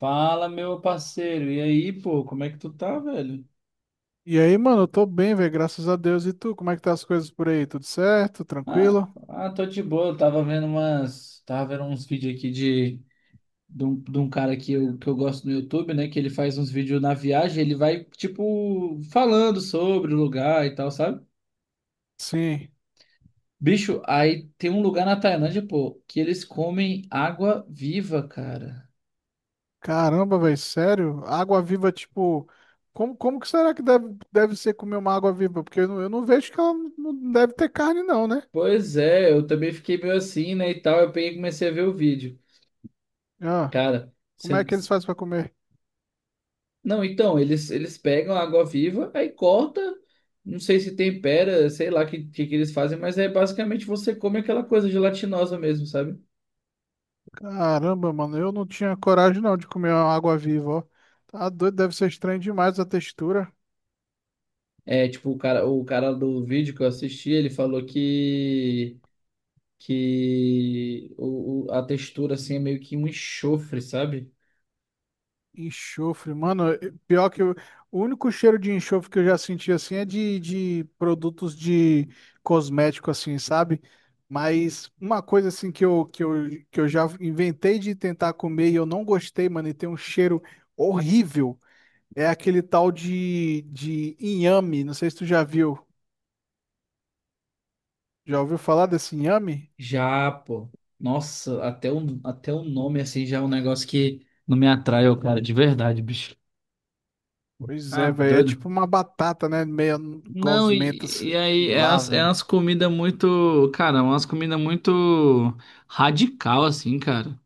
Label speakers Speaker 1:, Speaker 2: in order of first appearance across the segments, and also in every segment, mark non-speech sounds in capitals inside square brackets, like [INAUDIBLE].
Speaker 1: Fala, meu parceiro. E aí, pô, como é que tu tá, velho?
Speaker 2: E aí, mano, eu tô bem, velho, graças a Deus. E tu, como é que tá as coisas por aí? Tudo certo?
Speaker 1: Ah,
Speaker 2: Tranquilo?
Speaker 1: tô de boa. Eu tava vendo umas, tava vendo uns vídeos aqui de um cara que eu gosto no YouTube, né? Que ele faz uns vídeos na viagem, ele vai, tipo, falando sobre o lugar e tal, sabe?
Speaker 2: Sim.
Speaker 1: Bicho, aí tem um lugar na Tailândia, pô, que eles comem água viva, cara.
Speaker 2: Caramba, velho, sério? Água viva, tipo, como que será que deve ser comer uma água viva? Porque eu não vejo que ela não deve ter carne, não, né?
Speaker 1: Pois é, eu também fiquei meio assim, né, e tal. Eu peguei e comecei a ver o vídeo.
Speaker 2: Ah,
Speaker 1: Cara,
Speaker 2: como
Speaker 1: você.
Speaker 2: é que eles fazem pra comer?
Speaker 1: Não, então, eles pegam a água-viva, aí corta, não sei se tempera, sei lá o que, que eles fazem, mas é basicamente você come aquela coisa gelatinosa mesmo, sabe?
Speaker 2: Caramba, mano, eu não tinha coragem não de comer uma água viva, ó. Tá doido, deve ser estranho demais a textura.
Speaker 1: É, tipo, o cara do vídeo que eu assisti, ele falou que a textura, assim, é meio que um enxofre, sabe?
Speaker 2: Enxofre, mano, pior o único cheiro de enxofre que eu já senti assim é de produtos de cosmético, assim, sabe? Mas uma coisa assim que eu já inventei de tentar comer e eu não gostei, mano, e tem um cheiro horrível, é aquele tal de inhame. Não sei se tu já viu. Já ouviu falar desse inhame?
Speaker 1: Já, pô, nossa, até o nome, assim, já é um negócio que não me atrai, ô cara, de verdade, bicho.
Speaker 2: Pois
Speaker 1: Ah,
Speaker 2: é, velho. É
Speaker 1: doido.
Speaker 2: tipo uma batata, né? Meia
Speaker 1: Não,
Speaker 2: gosmenta,
Speaker 1: e
Speaker 2: sei
Speaker 1: aí
Speaker 2: lá,
Speaker 1: é
Speaker 2: velho.
Speaker 1: umas comidas muito, cara, umas comidas muito radical, assim, cara.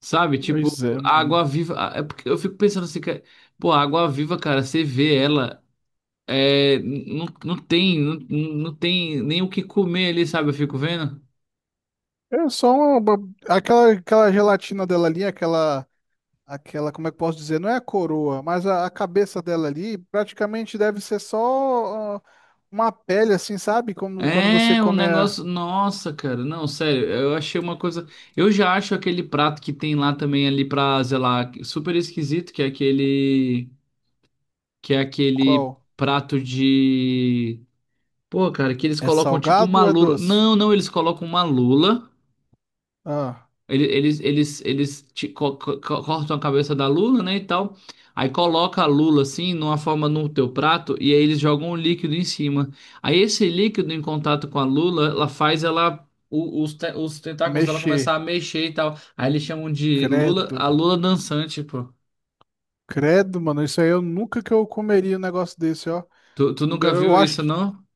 Speaker 1: Sabe? Tipo,
Speaker 2: Pois é,
Speaker 1: a água
Speaker 2: mano.
Speaker 1: viva. É porque eu fico pensando assim, cara, pô, a água viva, cara, você vê ela, é, não tem, não tem nem o que comer ali, sabe? Eu fico vendo.
Speaker 2: É só uma, aquela gelatina dela ali, como é que eu posso dizer? Não é a coroa, mas a cabeça dela ali praticamente deve ser só uma pele, assim, sabe? Como quando você
Speaker 1: É, um
Speaker 2: come a,
Speaker 1: negócio. Nossa, cara, não, sério, eu achei uma coisa. Eu já acho aquele prato que tem lá também ali pra, sei lá, super esquisito, que é aquele. Que é aquele
Speaker 2: qual?
Speaker 1: prato de. Pô, cara, que eles
Speaker 2: É
Speaker 1: colocam tipo
Speaker 2: salgado
Speaker 1: uma
Speaker 2: ou é
Speaker 1: lula.
Speaker 2: doce?
Speaker 1: Não, não, eles colocam uma lula.
Speaker 2: Ah,
Speaker 1: Ele- Eles, ti- co- co- co- Cortam a cabeça da lula, né, e tal. Aí coloca a lula assim, numa forma no teu prato, e aí eles jogam um líquido em cima. Aí esse líquido em contato com a lula, ela faz ela. Os tentáculos dela começar
Speaker 2: mexer.
Speaker 1: a mexer e tal. Aí eles chamam de lula,
Speaker 2: Credo.
Speaker 1: a lula dançante, pô.
Speaker 2: Credo, mano. Isso aí eu nunca que eu comeria um negócio desse, ó.
Speaker 1: Tu nunca
Speaker 2: Eu
Speaker 1: viu
Speaker 2: acho
Speaker 1: isso, não?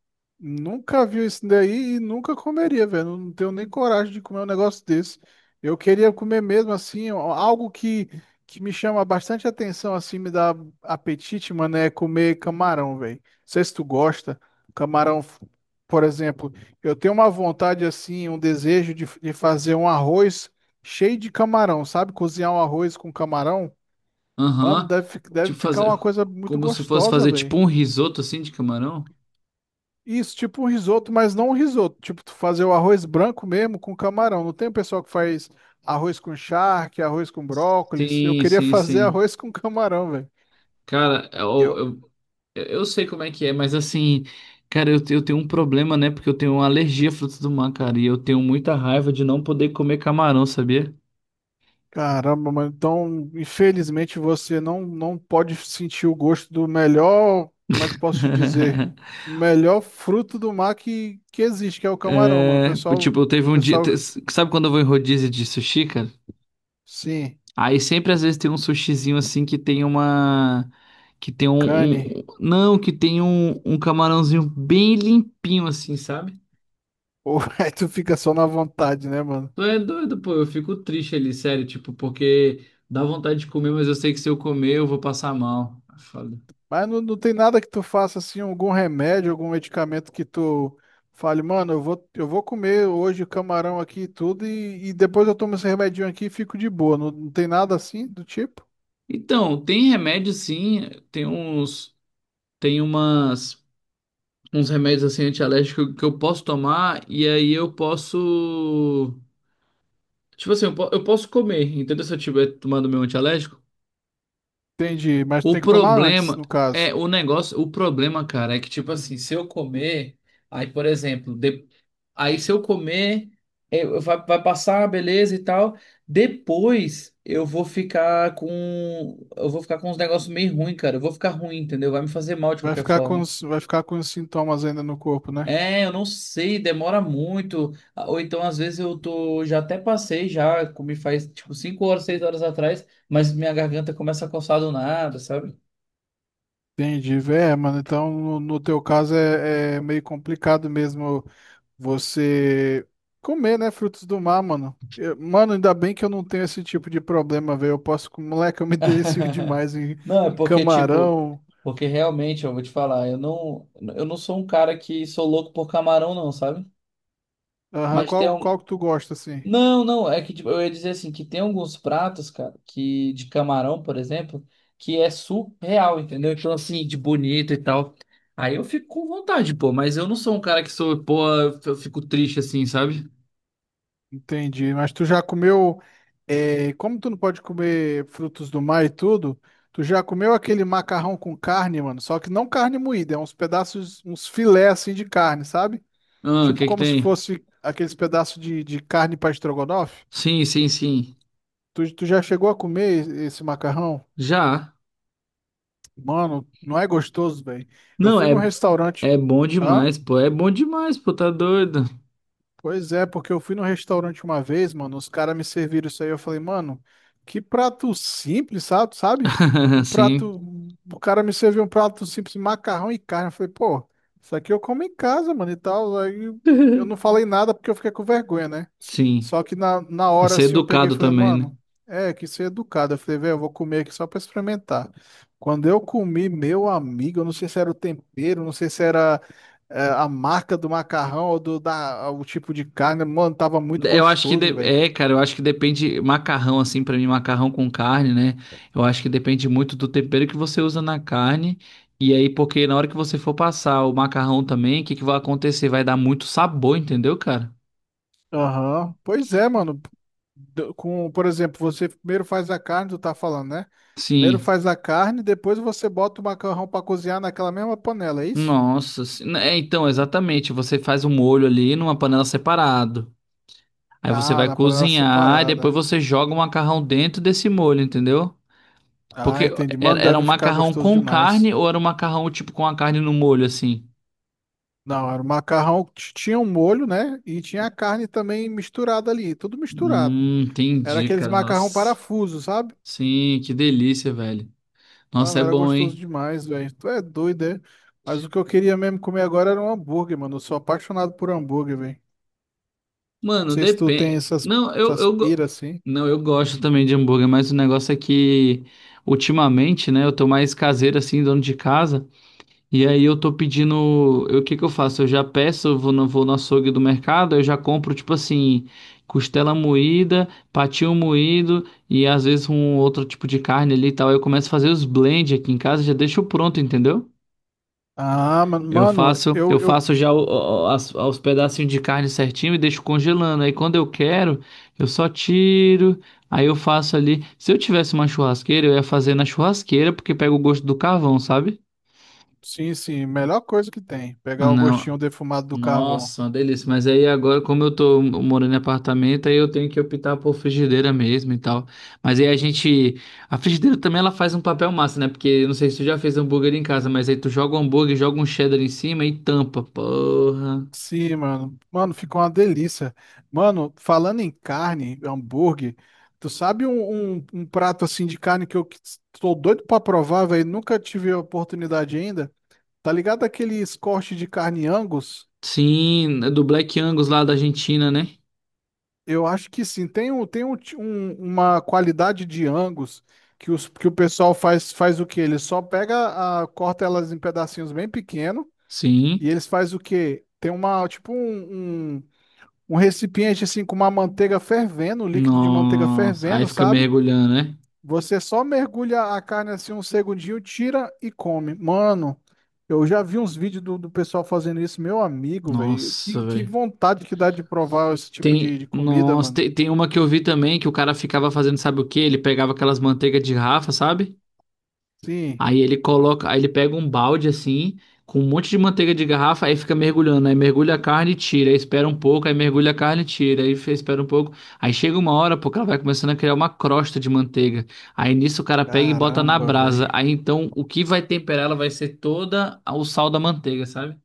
Speaker 2: nunca vi isso daí e nunca comeria, velho. Não tenho nem coragem de comer um negócio desse. Eu queria comer mesmo assim, ó, algo que me chama bastante atenção, assim, me dá apetite, mano, é comer camarão, velho. Não sei se tu gosta. Camarão, f- por exemplo, eu tenho uma vontade, assim, um desejo de fazer um arroz cheio de camarão, sabe? Cozinhar um arroz com camarão. Mano,
Speaker 1: Aham.
Speaker 2: deve
Speaker 1: Tipo
Speaker 2: ficar
Speaker 1: fazer
Speaker 2: uma coisa muito
Speaker 1: como se fosse
Speaker 2: gostosa,
Speaker 1: fazer
Speaker 2: velho.
Speaker 1: tipo um risoto assim de camarão?
Speaker 2: Isso, tipo um risoto, mas não um risoto. Tipo, tu fazer o arroz branco mesmo com camarão. Não tem o pessoal que faz arroz com charque, arroz com brócolis. Eu
Speaker 1: Sim,
Speaker 2: queria [LAUGHS]
Speaker 1: sim,
Speaker 2: fazer
Speaker 1: sim.
Speaker 2: arroz com camarão, velho.
Speaker 1: Cara,
Speaker 2: Eu,
Speaker 1: eu, eu, eu sei como é que é, mas assim, cara, eu tenho um problema, né? Porque eu tenho uma alergia a frutos do mar, cara, e eu tenho muita raiva de não poder comer camarão, sabia?
Speaker 2: caramba, mano. Então, infelizmente, você não, não pode sentir o gosto do melhor. Como é que eu posso te dizer?
Speaker 1: [LAUGHS]
Speaker 2: Melhor fruto do mar que existe, que é o camarão, mano.
Speaker 1: É, tipo, eu teve um dia.
Speaker 2: Pessoal,
Speaker 1: Te- Sabe quando eu vou em rodízio de sushi, cara?
Speaker 2: sim,
Speaker 1: Aí sempre às vezes tem um sushizinho assim que tem uma. Que tem um.
Speaker 2: cane.
Speaker 1: Um- Não, que tem um camarãozinho bem limpinho assim, sabe?
Speaker 2: Ou [LAUGHS] aí tu fica só na vontade, né, mano?
Speaker 1: Tu é doido, pô. Eu fico triste ali, sério, tipo, porque dá vontade de comer, mas eu sei que se eu comer eu vou passar mal. É foda.
Speaker 2: Mas não, não tem nada que tu faça assim, algum remédio, algum medicamento que tu fale, mano, eu vou comer hoje camarão aqui e tudo, e depois eu tomo esse remedinho aqui e fico de boa. Não, não tem nada assim do tipo?
Speaker 1: Então, tem remédio sim, tem uns. Tem umas. Uns remédios assim antialérgicos que eu posso tomar e aí eu posso. Tipo assim, eu posso comer, entendeu? Se eu tiver tomando meu antialérgico.
Speaker 2: Entendi, mas
Speaker 1: O
Speaker 2: tem que tomar antes,
Speaker 1: problema
Speaker 2: no
Speaker 1: é
Speaker 2: caso.
Speaker 1: o negócio, o problema, cara, é que tipo assim, se eu comer, aí por exemplo, de- aí se eu comer, vai, vai passar, beleza e tal. Depois eu vou ficar com, eu vou ficar com uns negócios meio ruim, cara. Eu vou ficar ruim, entendeu? Vai me fazer mal de qualquer forma.
Speaker 2: Vai ficar com os sintomas ainda no corpo, né?
Speaker 1: É, eu não sei, demora muito. Ah, ou então, às vezes, eu tô. Já até passei, já comi faz tipo 5 horas, 6 horas atrás, mas minha garganta começa a coçar do nada, sabe?
Speaker 2: Entendi, é, mano. Então, no teu caso é, é meio complicado mesmo. Você comer, né, frutos do mar, mano. Mano, ainda bem que eu não tenho esse tipo de problema, velho. Moleque, eu me [LAUGHS] delicio
Speaker 1: [LAUGHS]
Speaker 2: demais em,
Speaker 1: Não, é
Speaker 2: em
Speaker 1: porque, tipo,
Speaker 2: camarão.
Speaker 1: porque realmente, eu vou te falar, eu não sou um cara que sou louco por camarão, não, sabe?
Speaker 2: Aham.
Speaker 1: Mas tem um.
Speaker 2: Qual que tu gosta, assim?
Speaker 1: Não, não, é que tipo, eu ia dizer assim, que tem alguns pratos, cara, que de camarão, por exemplo, que é surreal, entendeu? Então, assim, de bonito e tal. Aí eu fico com vontade, pô, mas eu não sou um cara que sou, pô, eu fico triste assim, sabe?
Speaker 2: Entendi. Mas tu já comeu, é, como tu não pode comer frutos do mar e tudo, tu já comeu aquele macarrão com carne, mano? Só que não carne moída, é uns pedaços, uns filé, assim, de carne, sabe?
Speaker 1: Ah, o
Speaker 2: Tipo
Speaker 1: que é que
Speaker 2: como se
Speaker 1: tem?
Speaker 2: fosse aqueles pedaços de carne para estrogonofe.
Speaker 1: Sim, sim, sim.
Speaker 2: Tu já chegou a comer esse macarrão?
Speaker 1: Já.
Speaker 2: Mano, não é gostoso, velho. Eu
Speaker 1: Não,
Speaker 2: fui
Speaker 1: é,
Speaker 2: num restaurante.
Speaker 1: é bom
Speaker 2: Hã?
Speaker 1: demais, pô. É bom demais, pô, tá doido.
Speaker 2: Pois é, porque eu fui no restaurante uma vez, mano, os caras me serviram isso aí, eu falei, mano, que prato simples, sabe? Sabe?
Speaker 1: [LAUGHS]
Speaker 2: Um
Speaker 1: Sim.
Speaker 2: prato, o cara me serviu um prato simples, macarrão e carne, eu falei, pô, isso aqui eu como em casa, mano, e tal, aí eu não
Speaker 1: [LAUGHS]
Speaker 2: falei nada porque eu fiquei com vergonha, né?
Speaker 1: Sim.
Speaker 2: Só que na
Speaker 1: Pra
Speaker 2: hora,
Speaker 1: ser
Speaker 2: assim, eu peguei e
Speaker 1: educado
Speaker 2: falei,
Speaker 1: também, né?
Speaker 2: mano, é, que ser educado, eu falei, velho, eu vou comer aqui só pra experimentar. Quando eu comi, meu amigo, eu não sei se era o tempero, não sei se era a marca do macarrão ou o tipo de carne, mano, tava muito
Speaker 1: Eu acho
Speaker 2: gostoso, velho.
Speaker 1: é, cara, eu acho que depende macarrão assim, pra mim macarrão com carne, né? Eu acho que depende muito do tempero que você usa na carne. E aí, porque na hora que você for passar o macarrão também, o que que vai acontecer? Vai dar muito sabor, entendeu, cara?
Speaker 2: Aham. Pois é, mano. Por exemplo, você primeiro faz a carne, tu tá falando, né? Primeiro
Speaker 1: Sim.
Speaker 2: faz a carne, depois você bota o macarrão pra cozinhar naquela mesma panela, é isso?
Speaker 1: Nossa, né, é, então, exatamente, você faz o molho ali numa panela separado. Aí você
Speaker 2: Ah,
Speaker 1: vai
Speaker 2: na panela
Speaker 1: cozinhar e depois
Speaker 2: separada.
Speaker 1: você joga o macarrão dentro desse molho, entendeu? Porque
Speaker 2: Ah, entendi. Mano,
Speaker 1: era um
Speaker 2: deve ficar
Speaker 1: macarrão
Speaker 2: gostoso
Speaker 1: com carne
Speaker 2: demais.
Speaker 1: ou era um macarrão tipo com a carne no molho, assim?
Speaker 2: Não, era tinha um molho, né? E tinha a carne também misturada ali, tudo misturado. Era
Speaker 1: Entendi,
Speaker 2: aqueles
Speaker 1: cara.
Speaker 2: macarrão
Speaker 1: Nossa.
Speaker 2: parafuso, sabe?
Speaker 1: Sim, que delícia, velho. Nossa,
Speaker 2: Mano,
Speaker 1: é
Speaker 2: era
Speaker 1: bom,
Speaker 2: gostoso
Speaker 1: hein?
Speaker 2: demais, velho. Tu é doido, é? Mas o que eu queria mesmo comer agora era um hambúrguer, mano. Eu sou apaixonado por hambúrguer, velho. Não
Speaker 1: Mano,
Speaker 2: sei se tu tem
Speaker 1: depende.
Speaker 2: essas,
Speaker 1: Não,
Speaker 2: essas piras assim.
Speaker 1: não, eu gosto também de hambúrguer, mas o negócio é que ultimamente, né, eu tô mais caseiro assim, dono de casa. E aí eu tô pedindo, o que que eu faço? Eu já peço, eu vou vou no açougue do mercado, eu já compro tipo assim, costela moída, patinho moído e às vezes um outro tipo de carne ali e tal. Aí eu começo a fazer os blend aqui em casa, já deixo pronto, entendeu?
Speaker 2: Ah, mano, eu,
Speaker 1: Eu
Speaker 2: eu.
Speaker 1: faço já os pedacinhos de carne certinho e deixo congelando. Aí quando eu quero, eu só tiro, aí eu faço ali. Se eu tivesse uma churrasqueira, eu ia fazer na churrasqueira porque pega o gosto do carvão, sabe?
Speaker 2: Sim, sim, melhor coisa que tem.
Speaker 1: Ah,
Speaker 2: Pegar o
Speaker 1: não.
Speaker 2: gostinho defumado do carvão.
Speaker 1: Nossa, uma delícia. Mas aí agora, como eu tô morando em apartamento, aí eu tenho que optar por frigideira mesmo e tal. Mas aí a gente. A frigideira também ela faz um papel massa, né? Porque eu não sei se tu já fez hambúrguer em casa, mas aí tu joga um hambúrguer, joga um cheddar em cima e tampa. Porra.
Speaker 2: Sim, mano. Mano, ficou uma delícia. Mano, falando em carne, hambúrguer, tu sabe um prato assim de carne tô doido pra provar, velho? Nunca tive a oportunidade ainda? Tá ligado aqueles cortes de carne Angus?
Speaker 1: Sim, é do Black Angus lá da Argentina, né?
Speaker 2: Eu acho que sim. Tem, um, tem uma qualidade de Angus que, os, que o pessoal faz, faz o quê? Ele só pega, a, corta elas em pedacinhos bem pequenos
Speaker 1: Sim.
Speaker 2: e eles faz o quê? Tem uma, um um recipiente assim com uma manteiga fervendo, um líquido de manteiga
Speaker 1: Nossa. Aí
Speaker 2: fervendo,
Speaker 1: fica
Speaker 2: sabe?
Speaker 1: mergulhando, né?
Speaker 2: Você só mergulha a carne assim um segundinho, tira e come. Mano, eu já vi uns vídeos do pessoal fazendo isso, meu amigo, velho.
Speaker 1: Nossa,
Speaker 2: Que
Speaker 1: velho.
Speaker 2: vontade que dá de provar esse tipo
Speaker 1: Tem,
Speaker 2: de comida,
Speaker 1: nossa,
Speaker 2: mano.
Speaker 1: tem uma que eu vi também que o cara ficava fazendo, sabe o quê? Ele pegava aquelas manteigas de Rafa, sabe?
Speaker 2: Sim,
Speaker 1: Aí ele coloca, aí ele pega um balde assim, com um monte de manteiga de garrafa, aí fica mergulhando, aí mergulha a carne e tira, aí espera um pouco, aí mergulha a carne e tira, espera um pouco, aí chega uma hora, pô, que ela vai começando a criar uma crosta de manteiga. Aí nisso o cara pega e bota na
Speaker 2: caramba,
Speaker 1: brasa.
Speaker 2: velho.
Speaker 1: Aí então o que vai temperar ela vai ser toda o sal da manteiga, sabe?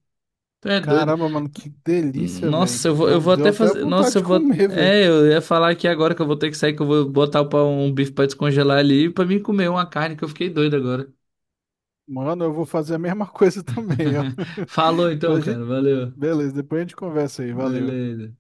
Speaker 1: Tu é doido.
Speaker 2: Caramba, mano, que delícia,
Speaker 1: Nossa,
Speaker 2: velho.
Speaker 1: eu vou
Speaker 2: Deu
Speaker 1: até
Speaker 2: até
Speaker 1: fazer, nossa,
Speaker 2: vontade
Speaker 1: eu
Speaker 2: de
Speaker 1: vou.
Speaker 2: comer, velho.
Speaker 1: É, eu ia falar aqui agora que eu vou ter que sair, que eu vou botar pra um bife pra descongelar ali pra mim comer uma carne que eu fiquei doido agora.
Speaker 2: Mano, eu vou fazer a mesma [LAUGHS] coisa também, ó.
Speaker 1: [LAUGHS]
Speaker 2: [LAUGHS]
Speaker 1: Falou então,
Speaker 2: Depois a gente...
Speaker 1: cara. Valeu.
Speaker 2: Beleza, depois a gente conversa aí. Valeu.
Speaker 1: Beleza.